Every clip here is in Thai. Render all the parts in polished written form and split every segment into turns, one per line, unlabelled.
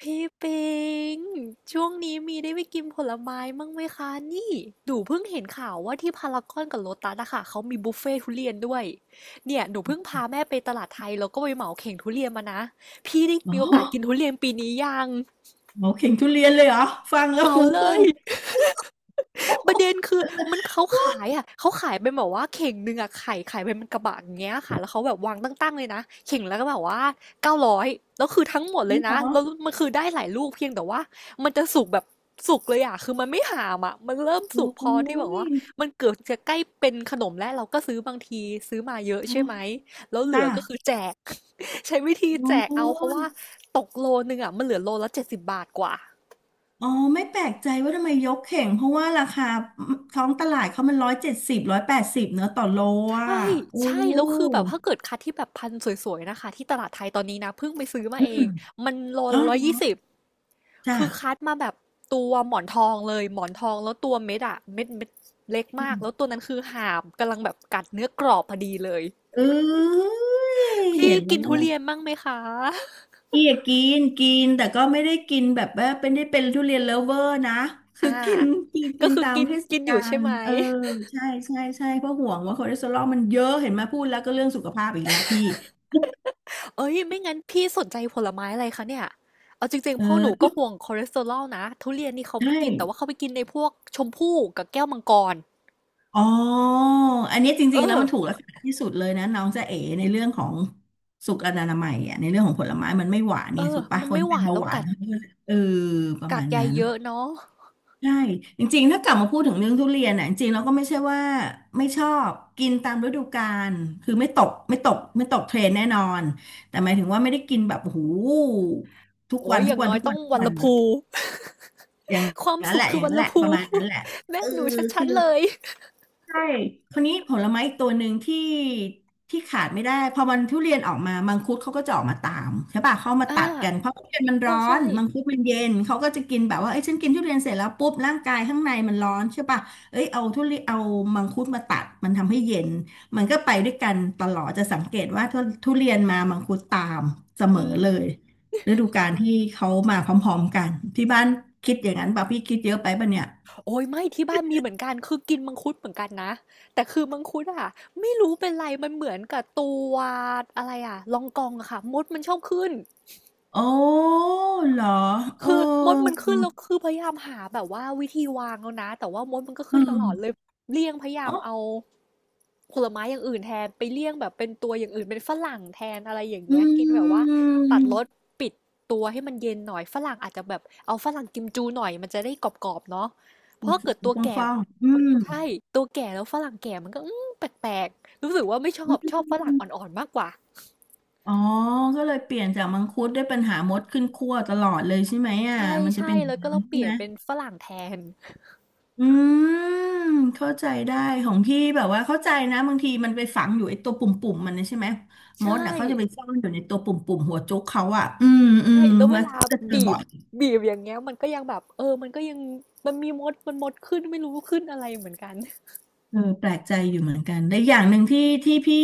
พี่ปิงช่วงนี้มีได้ไปกินผลไม้มั่งไหมคะนี่หนูเพิ่งเห็นข่าวว่าที่พารากอนกับโลตัสอะค่ะเขามีบุฟเฟ่ทุเรียนด้วยเนี่ยหนูเพิ่งพาแม่ไปตลาดไทยแล้วก็ไปเหมาเข่งทุเรียนมานะพี่ได้
อ๋อ
มีโอกาสกินทุเรียนปีนี้ยัง
หมอเข่งทุเรียนเลยเหรอฟังแล้
เห
ว
มา
หู
เล
พึ่ง
ย
โอ้
ป
โห
ระเด็นคือมันเขาขายอะเขาขายเป็นแบบว่าเข่งหนึ่งอะไข่ไข่เป็นกระบะอย่างเงี้ยค่ะแล้วเขาแบบวางตั้งๆเลยนะเข่งแล้วก็แบบว่า900แล้วคือทั้งหมดเล
นั่
ย
นเหร
นะ
อ
แล้วมันคือได้หลายลูกเพียงแต่ว่ามันจะสุกแบบสุกเลยอะคือมันไม่หามอะมันเริ่มสุ
โอ้
กพอที่แบบว่า
ย
มันเกือบจะใกล้เป็นขนมแล้วเราก็ซื้อบางทีซื้อมาเยอะ
โอ
ใช่ไหม
้
แล้วเหลื
จ้า
อก็คือแจก ใช้วิธี
โอ้
แจกเอาเพราะว่า
ย
ตกโลนึงอะมันเหลือโลละ70บาทกว่า
อ๋อไม่แปลกใจว่าทำไมยกเข่งเพราะว่าราคาท้องตลาดเขามัน170, 180เนอะต่อโล
ใช
อ่ะ
่
โอ้
ใช่ แล้วคือแบบถ้าเกิดคัดที่แบบพันธุ์สวยๆนะคะที่ตลาดไทยตอนนี้นะเพิ่งไปซื้อมา
อื
เอ
ม
ง มันโล
อ๋อ
ละร้อย
เหรอ
ยี่สิบ
จ้า
คือคัดมาแบบตัวหมอนทองเลยหมอนทองแล้วตัวเม็ดอะเม็ดเม็ดเล็ก
อื
มาก
ม
แล้วตัวนั้นคือหามกำลังแบบกัดเนื้อกรอบพอดีเลย
เอ้ย
พี่
เห็นแล้
กิ
ว
นทุ
นะ
เรียนบ้างไหมคะ
พี่อะกินกินแต่ก็ไม่ได้กินแบบว่าเป็นได้เป็นทุเรียนเลิฟเวอร์นะคื
อ่า
อกินกิน
ก็
กิน
คือ
ตาม
กิน
เทศ
กินอ
กา
ยู่ใช่
ล
ไหม
เออใช่ใช่ใช่เพราะห่วงว่าคอเลสเตอรอลมันเยอะเห็นไหมาพูดแล้วก็เรื่องสุขภาพอีกแล้วพี่
เอ้ยไม่งั้นพี่สนใจผลไม้อะไรคะเนี่ยเอาจริง
เออ
ๆพ่อหนู
ทุ
ก็
ก
ห่วงคอเลสเตอรอลนะทุเรียนนี่เขา
ใช
ไม่กินแต่ว่า
่
เขาไปกินในพวกชมพู่กับแก้วมังกร
อ๋ออันนี้จ
เอ
ริงๆแล้ว
อ
มันถูกลักษณะที่สุดเลยนะน้องจ๊ะเอ๋ในเรื่องของสุขอนามัยอ่ะในเรื่องของผลไม้มันไม่หวาน
เอ
เนี่ย
อ
ถูกปะ
มัน
คน
ไม่ห
เป็น
วาน
เบา
แล้ว
หวาน
กัด
เขาก็เออประ
กา
มา
ก
ณ
ใย
นั้น
เยอะเนาะ
ใช่จริงๆถ้ากลับมาพูดถึงเรื่องทุเรียนน่ะจริงๆเราก็ไม่ใช่ว่าไม่ชอบกินตามฤดูกาลคือไม่ตกเทรนแน่นอนแต่หมายถึงว่าไม่ได้กินแบบโอ้โหูทุก
โอ้
วั
ย
น
อ
ทุก
ย่าง
วัน
น้อย
ทุก
ต้
วั
อ
น
ง
ทุก
วัน
วัน
ละ
อะ
พู
อย่าง
ความ
นั้น
สุ
แห
ข
ละ
คื
อ
อ
ย่าง
วัน
นั้นแห
ละ
ละป
พู
ระมาณนั้นแหละ
แม่
เออ
หนูชั
คือ
ดๆเลย
ใช่คราวนี้ผลไม้อีกตัวหนึ่งที่ขาดไม่ได้ พอมันทุเรียนออกมามังคุดเขาก็จะออกมาตามใช่ป่ะเขามา
อ่า
ตัดกันเพราะทุเรียนมัน
ใช่
ร้อ
ใช่
น มังคุดมันเย็น เขาก็จะกินแบบว่าเอ้ยฉันกินทุเรียนเสร็จแล้วปุ๊บร่างกายข้างในมันร้อนใช่ป่ะเอ้ยเอาทุเรียนเอามังคุดมาตัดมันทำให้เย็น มันก็ไปด้วยกันตลอดจะสังเกตว่าทุเรียนมามังคุดตามเสมอ
อืม
เลยฤดูกาลที่เขามาพร้อมๆกันที่บ้านคิดอย่างนั้นป่ะพี่คิดเยอะไปป่ะเนี่ย
โอ้ยไม่ที่บ้านมีเหมือนกันคือกินมังคุดเหมือนกันนะแต่คือมังคุดอะไม่รู้เป็นไรมันเหมือนกับตัวอะไรอะลองกองอะค่ะมดมันชอบขึ้น
โอ้เหรอเออ
คือมดมันขึ้นแล้วคือพยายามหาแบบว่าวิธีวางแล้วนะแต่ว่ามดมันก็
เออ
ขึ้นตลอดเลยเลี่ยงพยายา
อ๋
ม
อ
เอาผลไม้อย่างอื่นแทนไปเลี่ยงแบบเป็นตัวอย่างอื่นเป็นฝรั่งแทนอะไรอย่าง
อื
เงี้ยกินแบบว่าตัดรส
ม
ปิดตัวให้มันเย็นหน่อยฝรั่งอาจจะแบบเอาฝรั่งกิมจูหน่อยมันจะได้กรอบๆเนาะเพ
ฟู
ราะเกิดตัว
ฟ่องฟ
แก่
องๆอืม
ใช่ตัวแก่แล้วฝรั่งแก่มันก็แปลกๆรู้สึกว่าไม่ชอ
อื
บชอบฝรั่ง
ม
อ่อนๆมากกว่า
อ๋อก็เลยเปลี่ยนจากมังคุดได้เปัญหามดขึ้นคั่วตลอดเลยใช่ไหมอ่ะ
ใช่
มันจะ
ใช่
เป็นอย่าง
แล้วก็
นั้
เรา
น
เป
ใช่
ลี่
ไห
ย
ม
นเป็นฝรั่งแทน
อืมเข้าใจได้ของพี่แบบว่าเข้าใจนะบางทีมันไปฝังอยู่ไอ้ตัวปุ่มๆมันนะใช่ไหมมด
ใช่
น่ะเขาจะไปซ่อนอยู่ในตัวปุ่มๆหัวจุกเขาอ่ะ อืมอื
ใช่
ม
แล้วเว
มัน
ลา
จะเจอ
บี
บ่อ
บ
ย
บีบอย่างเงี้ยมันก็ยังแบบเออมันก็ยังมันมีมดมันมดขึ้นไม่รู้ขึ้นอะไรเหมือนกัน
เออแปลกใจอยู่เหมือนกันและอย่างหนึ่งที่พี่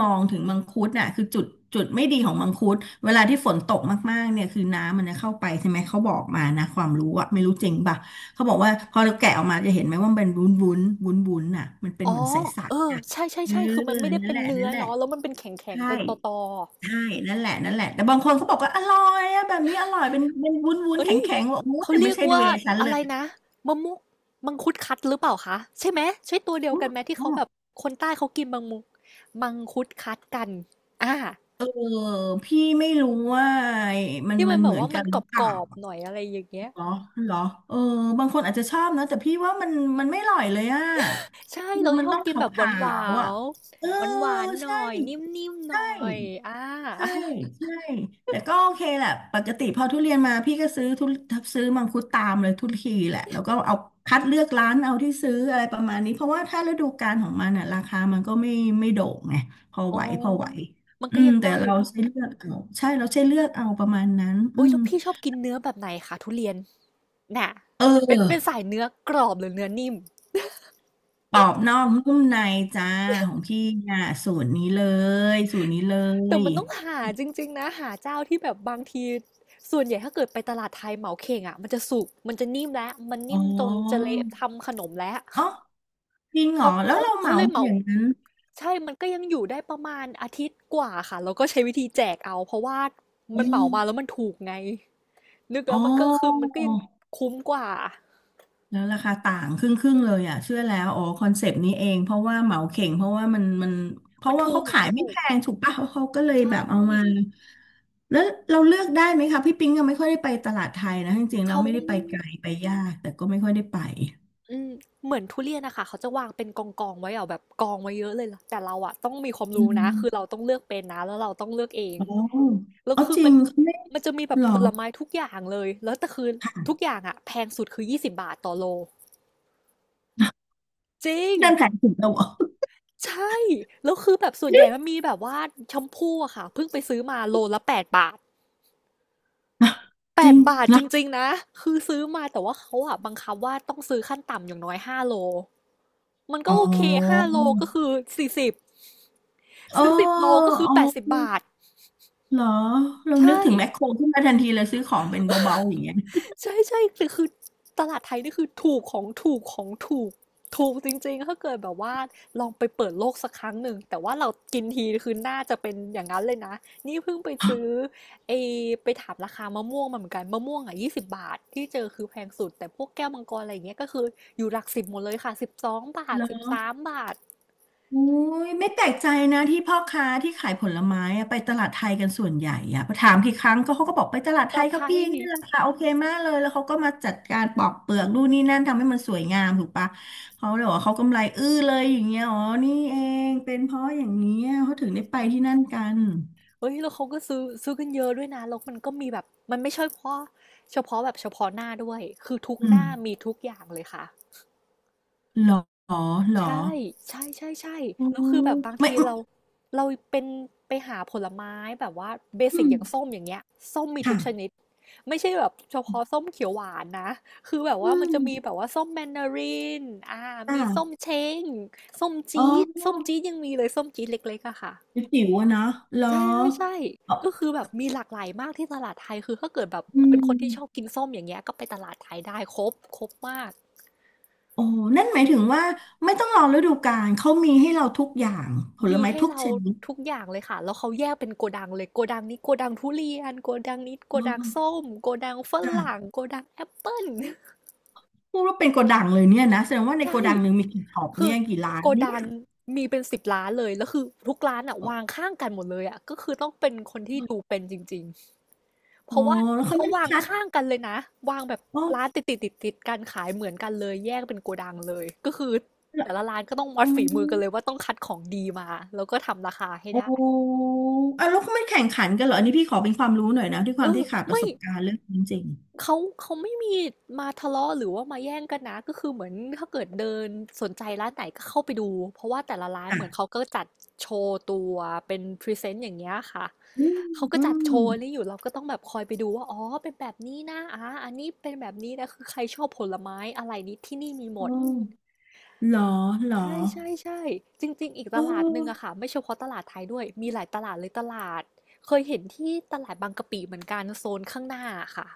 มองถึงมังคุดน่ะคือจุดไม่ดีของมังคุดเวลาที่ฝนตกมากๆเนี่ยคือน้ำมันจะเข้าไปใช่ไหมเขาบอกมานะความรู้อะไม่รู้จริงป่ะเขาบอกว่าพอเราแกะออกมาจะเห็นไหมว่ามันเป็นวุ้นวุ้นวุ้นวุ้นน่ะมันเป็น
อ๋อ
เหมือนใส
เออ
ๆน่ะ
ใช่ใช่
เออ
ใช่คือมันไม่ได้
นั่น
เป็
แห
น
ละ
เนื้อ
นั่นแหละ
เนาะแล้วมันเป็นแข็ง
ใช่
ๆเป็นตอๆ
ใช่นั่นแหละนั่นแหละแต่บางคนเขาบอกว่าอร่อยอะแบบนี้อร่อยเป็นวุ้นวุ้น
เอ้
แข็
ย
งแข็งว่าโอ้
เขา
แต่
เรี
ไม่
ยก
ใช่
ว่า
เวย์ฉัน
อะ
เล
ไร
ย
นะมะมุมังคุดคัดหรือเปล่าคะใช่ไหมใช่ตัวเดียวกันไหมที่เขาแบบคนใต้เขากินมังมุมังคุดคัดกันอ่า
เออพี่ไม่รู้ว่า
ที่
มั
มั
น
นแบ
เห
บ
มือน
ว่า
กั
มัน
นห
ก
รือเปล่า
รอบๆหน่อยอะไรอย่างเงี้ย
เหรอเหรอเออบางคนอาจจะชอบนะแต่พี่ว่ามันไม่อร่อยเลยอ่ะ
ใช่
คือ
เรา
มั
ช
น
อ
ต้
บ
องข
กินแบบ
า
หวา
วๆอ่ะเออ
นๆหวานๆห
ใช่
น่อยนิ่มๆห
ใช่
น่อยอ่า
ใช่ ใช่แต่ก็โอเคแหละปกติพอทุเรียนมาพี่ก็ซื้อซื้อมังคุดตามเลยทุกทีแหละแล้วก็เอาคัดเลือกร้านเอาที่ซื้ออะไรประมาณนี้เพราะว่าถ้าฤดูกาลของมันอ่ะราคามันก็ไม่โด่งไงพอ
อ๋อ
ไหวพอไหว
มัน
อื
ก็
ม
ยัง
แต่
ได้อ
เรา
ยู่เนาะ
ใช้เลือกเอาใช่เราใช้เลือกเอาประมาณนั้นอื
โอ้ย
ม
แล้วพี่ชอบกินเนื้อแบบไหนคะทุเรียนน่ะ
เ
เป็นเป็น
ออ
สายเนื้อกรอบหรือเนื้อนิ่ม
ปอบนอกนุ่มในจ้าของพี่อ่ะสูตรนี้เลยสูตรนี้เล
แต่
ย
มันต้องหาจริงๆนะหาเจ้าที่แบบบางทีส่วนใหญ่ถ้าเกิดไปตลาดไทยเหมาเข่งอ่ะมันจะสุกมันจะนิ่มแล้วมัน
อ๋
นิ่มจนจะ
อ
เละทำขนมแล้ว
อ๋อจริงเหรอ
เขา
แล้ว
เขา
เราเห
เขา
มา
เลย
มา
เหมา
อย่างนั้น
ใช่มันก็ยังอยู่ได้ประมาณอาทิตย์กว่าค่ะแล้วก็ใช้วิธีแจกเอาเพราะว่า
โอ้
มันเหมามาแล้วมันถูกไงนึก
อ๋อ
แล้วมันก็คือมันก็ยังคุ้มกว่า
แล้วราคาต่างครึ่งครึ่งเลยอ่ะเชื่อแล้วอ๋อคอนเซปต์นี้เองเพราะว่าเหมาเข่งเพราะว่ามันเพ
มั
ราะ
น
ว่า
ถู
เขา
ก
ขาย
มัน
ไม่
ถู
แพ
ก
งถูกป่ะเขาก็เลย
ใช
แบบเอามา
่
แล้วเราเลือกได้ไหมคะพี่ปิ๊งก็ไม่ค่อยได้ไปตลาดไทยนะจริงๆเรา
เขา
ไม่ได้ไปไกลไปยากแต่ก็ไม่ค่อยได้ไป
อืมเหมือนทุเรียนนะค่ะเขาจะวางเป็นกองๆไว้อะแบบกองไว้เยอะเลยล่ะแต่เราอะต้องมีความ
อื
รู้นะคือเรา
ม
ต้องเลือกเป็นนะแล้วเราต้องเลือกเอง
อ๋อ
แล้ว
อ๋อ
คือ
จริ
มั
ง
น
เขาไม่
มันจะมีแบบ
หรอ
ผลไม้ทุกอย่างเลยแล้วแต่คือทุกอย่างอะแพงสุดคือ20บบาทต่อโลจริง
เดินขายถึงเราเหรอ
ใช่แล้วคือแบบส่วนใหญ่มันมีแบบว่าแชมพูอะค่ะเพิ่งไปซื้อมาโลละ8บาท
จริ
8
ง
บาท
เหร
จ
อ
ริงๆนะคือซื้อมาแต่ว่าเขาอะบังคับว่าต้องซื้อขั้นต่ำอย่างน้อยห้าโลมันก็
อ๋อ
โอเคห้าโลก็คือ40
เออ
ซื้อสิบโลก็คื
เอ
อแปดสิบบา
อ
ท
เหรอ เรานึก
ใช่
ถึงแมคโครขึ้นมาทันทีเลยซื้อของเป็นเบาๆอย่างเงี้ย
ใช่ใช่คือคือตลาดไทยนี่คือถูกของถูกของถูกถูกจริงๆถ้าเกิดแบบว่าลองไปเปิดโลกสักครั้งหนึ่งแต่ว่าเรากินทีคือน่าจะเป็นอย่างนั้นเลยนะนี่เพิ่งไปซื้อไอไปถามราคามะม่วงมาเหมือนกันมะม่วงอ่ะยี่สิบบาทที่เจอคือแพงสุดแต่พวกแก้วมังกรอะไรอย่างเงี้ยก็คืออยู่หลักสิบหมดเลยค่ะสิบสองบา
เห
ท
ร
สิบ
อ
สามบาท
อุ้ย ไม่แปลกใจนะที่พ่อค้าที่ขายผลไม้อะไปตลาดไทยกันส่วนใหญ่อะพอถามกี่ครั้งก็เขาก็บอกไปตลาด
ต
ไท
ลา
ย
ด
ครั
ไท
บพี่
ย
นี่ราคาโอเคมากเลยแล้วเขาก็มาจัดการปอกเปลือกนู่นนี่นั่นทำให้มันสวยงามถูกปะ เขาเลยบอกว่าเขากำไรอื้อเลยอย่างเงี้ยอ๋อ นี่เองเป็นเพราะอย่างนี้ยเขาถึงได้ไปที่นั่นกัน
เฮ้ยแล้วเขาก็ซื้อกันเยอะด้วยนะแล้วมันก็มีแบบมันไม่ใช่เฉพาะหน้าด้วยคือทุก
อื
ห
ม
น้ามีทุกอย่างเลยค่ะ
เหรอเหรอ
ใช่ใช่ใช่ใช่
อ๋อ
แล้วคือแบบบาง
ไม่
ทีเราเราเป็นไปหาผลไม้แบบว่าเบ
อื
สิก
ม
อย่างส้มอย่างเงี้ยส้มมีทุกชนิด
ค่ะ
ไม่ใช่แบบเฉพาะส้มเขียวหวานนะคือแบบ
อื
ว่ามัน
ม
จะมีแบบว่าส้มแมนดารินอ่า
อ่า
มีส้มเช้งส้ม
อ๋อ
จี๊ดส้มจี๊ดยังมีเลยส้มจี๊ดเล็กๆอะค่ะ
จิ๋วอะเนาะเหรอ
ใช่ๆ่ใช่
อ๋
ก็
อ
คือแบบมีหลากหลายมากที่ตลาดไทยคือถ้าเกิดแบบ
อื
เป็นคนที่ชอบ
ม
กินส้มอย่างเงี้ยก็ไปตลาดไทยได้ครบมาก
โอ้นั่นหมายถึงว่าไม่ต้องรอฤดูกาลเขามีให้เราทุกอย่างผล
มี
ไม้
ให้
ทุก
เรา
ชนิด
ทุกอย่างเลยค่ะแล้วเขาแยกเป็นโกดังเลยโกดังนี้โกดังทุเรียนโกดังนี้โก
เ
ดังส้
ออ
มโกดังฝ
จ้ะ
รั่งโกดังแอปเปิ้ล
พูดว่าเป็นโกดังเลยเนี่ยนะแสด งว่าในโก
ใช่
ดังหนึ่งมีกี่ช็อป
คือ
เนี่ยกี่ร้าน
โก
เนี่
ดั
ย
งมีเป็นสิบร้านเลยแล้วคือทุกร้านอะวางข้างกันหมดเลยอะก็คือต้องเป็นคนที่ดูเป็นจริง เพ
โอ้
ราะว่า
แล้วเขา
เขา
ไม่ได้
วาง
คัด
ข้างกันเลยนะวางแบบ
โอ้
ร้านติดกันขายเหมือนกันเลยแยกเป็นโกดังเลยก็คือแต่ละร้านก็ต้องวั
เอ้
ดฝีมือกันเลยว่าต้องคัดของดีมาแล้วก็ทำราคาให้
โอ
ได้
้อ่ะแล้วเขาไม่แข่งขันกันเหรออันนี้พี่ขอเป็นความรู้หน่อยนะด้วยค
เอ
วาม
อ
ที่ขาดประ
ไม่
สบการณ์เรื่องนี้จริง
เขาเขาไม่มีมาทะเลาะหรือว่ามาแย่งกันนะก็คือเหมือนถ้าเกิดเดินสนใจร้านไหนก็เข้าไปดูเพราะว่าแต่ละร้า
ๆ
น
จ้ะ
เหมือนเขาก็จัดโชว์ตัวเป็นพรีเซนต์อย่างเงี้ยค่ะ
อืม
เขาก็
อื
จัด
ม
โชว์อันนี้อยู่เราก็ต้องแบบคอยไปดูว่าอ๋อเป็นแบบนี้นะอันนี้เป็นแบบนี้นะคือใครชอบผลไม้อะไรนี้ที่นี่มีหมด
โอ้เหรอเหรอ
ใช่ใช่ใช่จริงๆอีก
เอ
ตลาดหนึ่งอะ
อ
ค่ะไม่เฉพาะตลาดไทยด้วยมีหลายตลาดเลยตลาดเคยเห็นที่ตลาดบางกะปิเหมือนกันโซนข้างหน้าค่ะ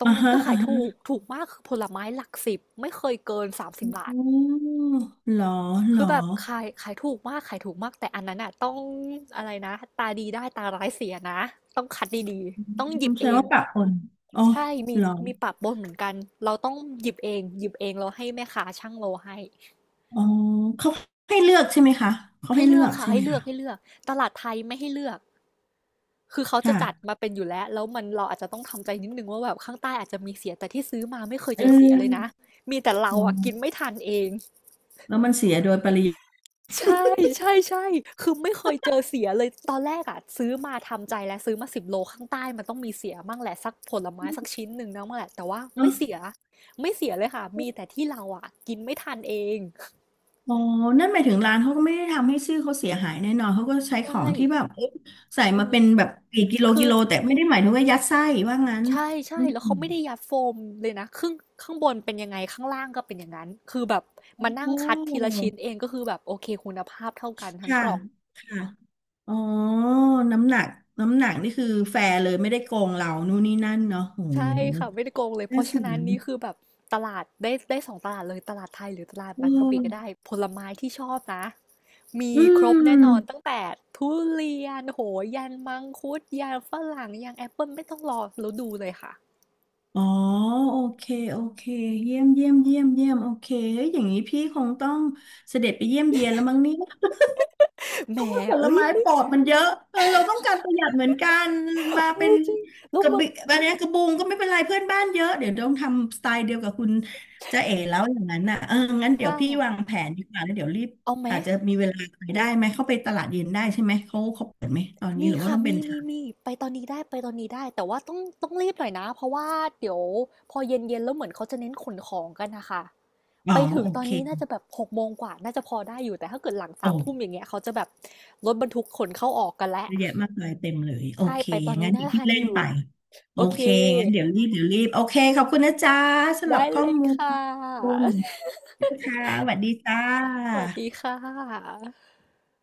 ตรง
อ่า
นั้น
ฮะ
ก็ขา
อ่า
ยถูก
ฮะ
ถูกมากคือผลไม้หลักสิบไม่เคยเกิน30บบา
อ๋
ท
อเหรอเหร
คื
อ
อแบบขายถูกมากขายถูกมากแต่อันนั้นอ่ะต้องอะไรนะตาดีได้ตาร้ายเสียนะต้องคัดดี
อื
ๆต้องหยิ
ม
บ
แส
เอ
ดง
ง
ว่าปะปนอ๋อ
ใช่มี
เหรอ
มีปะปนเหมือนกันเราต้องหยิบเองเราให้แม่ค้าช่างโลให้
อ๋อเขาให้เลือกใช่ไหมคะเขา
ให้
ให้เลื
เลือ
อ
ก
ก
ค่ะ
ใช่ไห
ให้
ม
เลือ
คะ
กให้เลือกตลาดไทยไม่ให้เลือกคือเขาจะ
ค่ะ
จัดมาเป็นอยู่แล้วแล้วมันเราอาจจะต้องทำใจนิดนึงว่าแบบข้างใต้อาจจะมีเสียแต่ที่ซื้อมาไม่เคย
เ
เจอเสียเลยนะ
ออ
มีแต่เรา
อ๋
อ่ะกิน
อ
ไม่ทันเอง
แล้วมันเสียโดยปริยาย
ใช่ใช่ๆคือไม่เคยเจอเสียเลยตอนแรกอะซื้อมาทำใจแล้วซื้อมา10โลข้างใต้มันต้องมีเสียมั่งแหละสักผลไม้สักชิ้นหนึ่งมั่งแหละแต่ว่า
เน
ไม่
อะ
เสียไม่เสียเลยค่ะมีแต่ที่เราอะกินไม่ทันเอง
อ๋อนั่นหมายถึงร้านเขาก็ไม่ได้ทำให้ชื่อเขาเสียหายแน่นอนเขาก็ใช้ขอ
ใช่
งที่แบบเอ๊ะใส่
เอ
มา
อ
เป็นแบบกี่กิโล
คื
กิ
อ
โลแต่ไม่ได้หมายถึงว่ายัดไส้ว่างั้น
ใ
อื
ช่ๆ
ม
แล้วเขาไม่ได้ยัดโฟมเลยนะครึ่งข้างบนเป็นยังไงข้างล่างก็เป็นอย่างนั้นคือแบบมา
โอ
นั่งคัดทีละ
้
ชิ้นเองก็คือแบบโอเคคุณภาพเท่ากันทั้ง
ค่ะ
กล่อง
ค่ะ อ๋อน้ำหนักน้ำหนักนี่คือแฟร์เลยไม่ได้โกงเรานู่นนี่นั่นเนาะโห
ใช่ค่ะไม่ได้โกงเลยเพ
น่า
ราะ
ส
ฉะ
น
นั้นนี่คือแบบตลาดได้สองตลาดเลยตลาดไทยหรือตลาด
เอ
บางกะปิก็ได้
อ
ผลไม้ที่ชอบนะมี
อื
ครบ
ม
แน่นอนตั้งแต่ทุเรียนโหยันมังคุดยันฝรั่งยันแอปเปิลไม่ต้องรอแล้วดูเลยค่ะ
อ๋อโอเคโอเคเยี่ยมเยี่ยมเยี่ยมเยี่ยมโอเคเฮ้ยอย่างนี้พี่คงต้องเสด็จไปเยี่ยมเยียนแล้วมั้งเนี่ย เพ
แหม
ราะว่าผล
เอ้ย
ไม้
ไม่
ปลอดมันเยอะเออเราต้องการประหยัดเหมือนกันมา
เอ
เป็น
อจริงแล้
ก
ว
ระ
บอ
บิ
ก
อะไรนะกระบุงก็ไม่เป็นไรเพื่อนบ้านเยอะเดี๋ยวต้องทำสไตล์เดียวกับคุณจ๊ะเอ๋แล้วอย่างนั้นน่ะเอองั้นเดี๋ยว
ค่ะ
พี่วางแผนดีกว่าแล้วเดี๋ยวรีบ
เอาไหม
อาจจะมีเวลาไปได้ไหมเขาไปตลาดเย็นได้ใช่ไหมเขาเขาเปิดไหมตอนนี้
มี
หรือว่า
ค่ะ
ต้องเป็
มี
น
มี
เช้า
มีไปตอนนี้ได้ไปตอนนี้ได้แต่ว่าต้องรีบหน่อยนะเพราะว่าเดี๋ยวพอเย็นแล้วเหมือนเขาจะเน้นขนของกันนะคะ
อ๋อ
ไปถึง
โอ
ตอน
เค
นี้น่าจะแบบ6โมงกว่าน่าจะพอได้อยู่ แต่ถ้าเกิดหลัง
โอ้
3ทุ่มอย่างเงี้ยเขาจะแบบรถบรรทุกขนเข้าออกกันแล้ว
เยอะแยะมากเลยเต็มเลยโอ
ใช่
เค
ไปตอน
งั้
นี้
นเดี๋
น่า
ยวพี่
ทัน
เล่
อ
น
ยู่
ไปโอ
โอเค
เคงั้นเดี๋ยวรีบเดี๋ยวรีบโอเคขอบคุณนะจ๊ะสำหรั
ได้
บข้อ
เลย
ม
ค่ะ
ูล ค่ะสวัสดีจ้า
สวัสดีค่ะ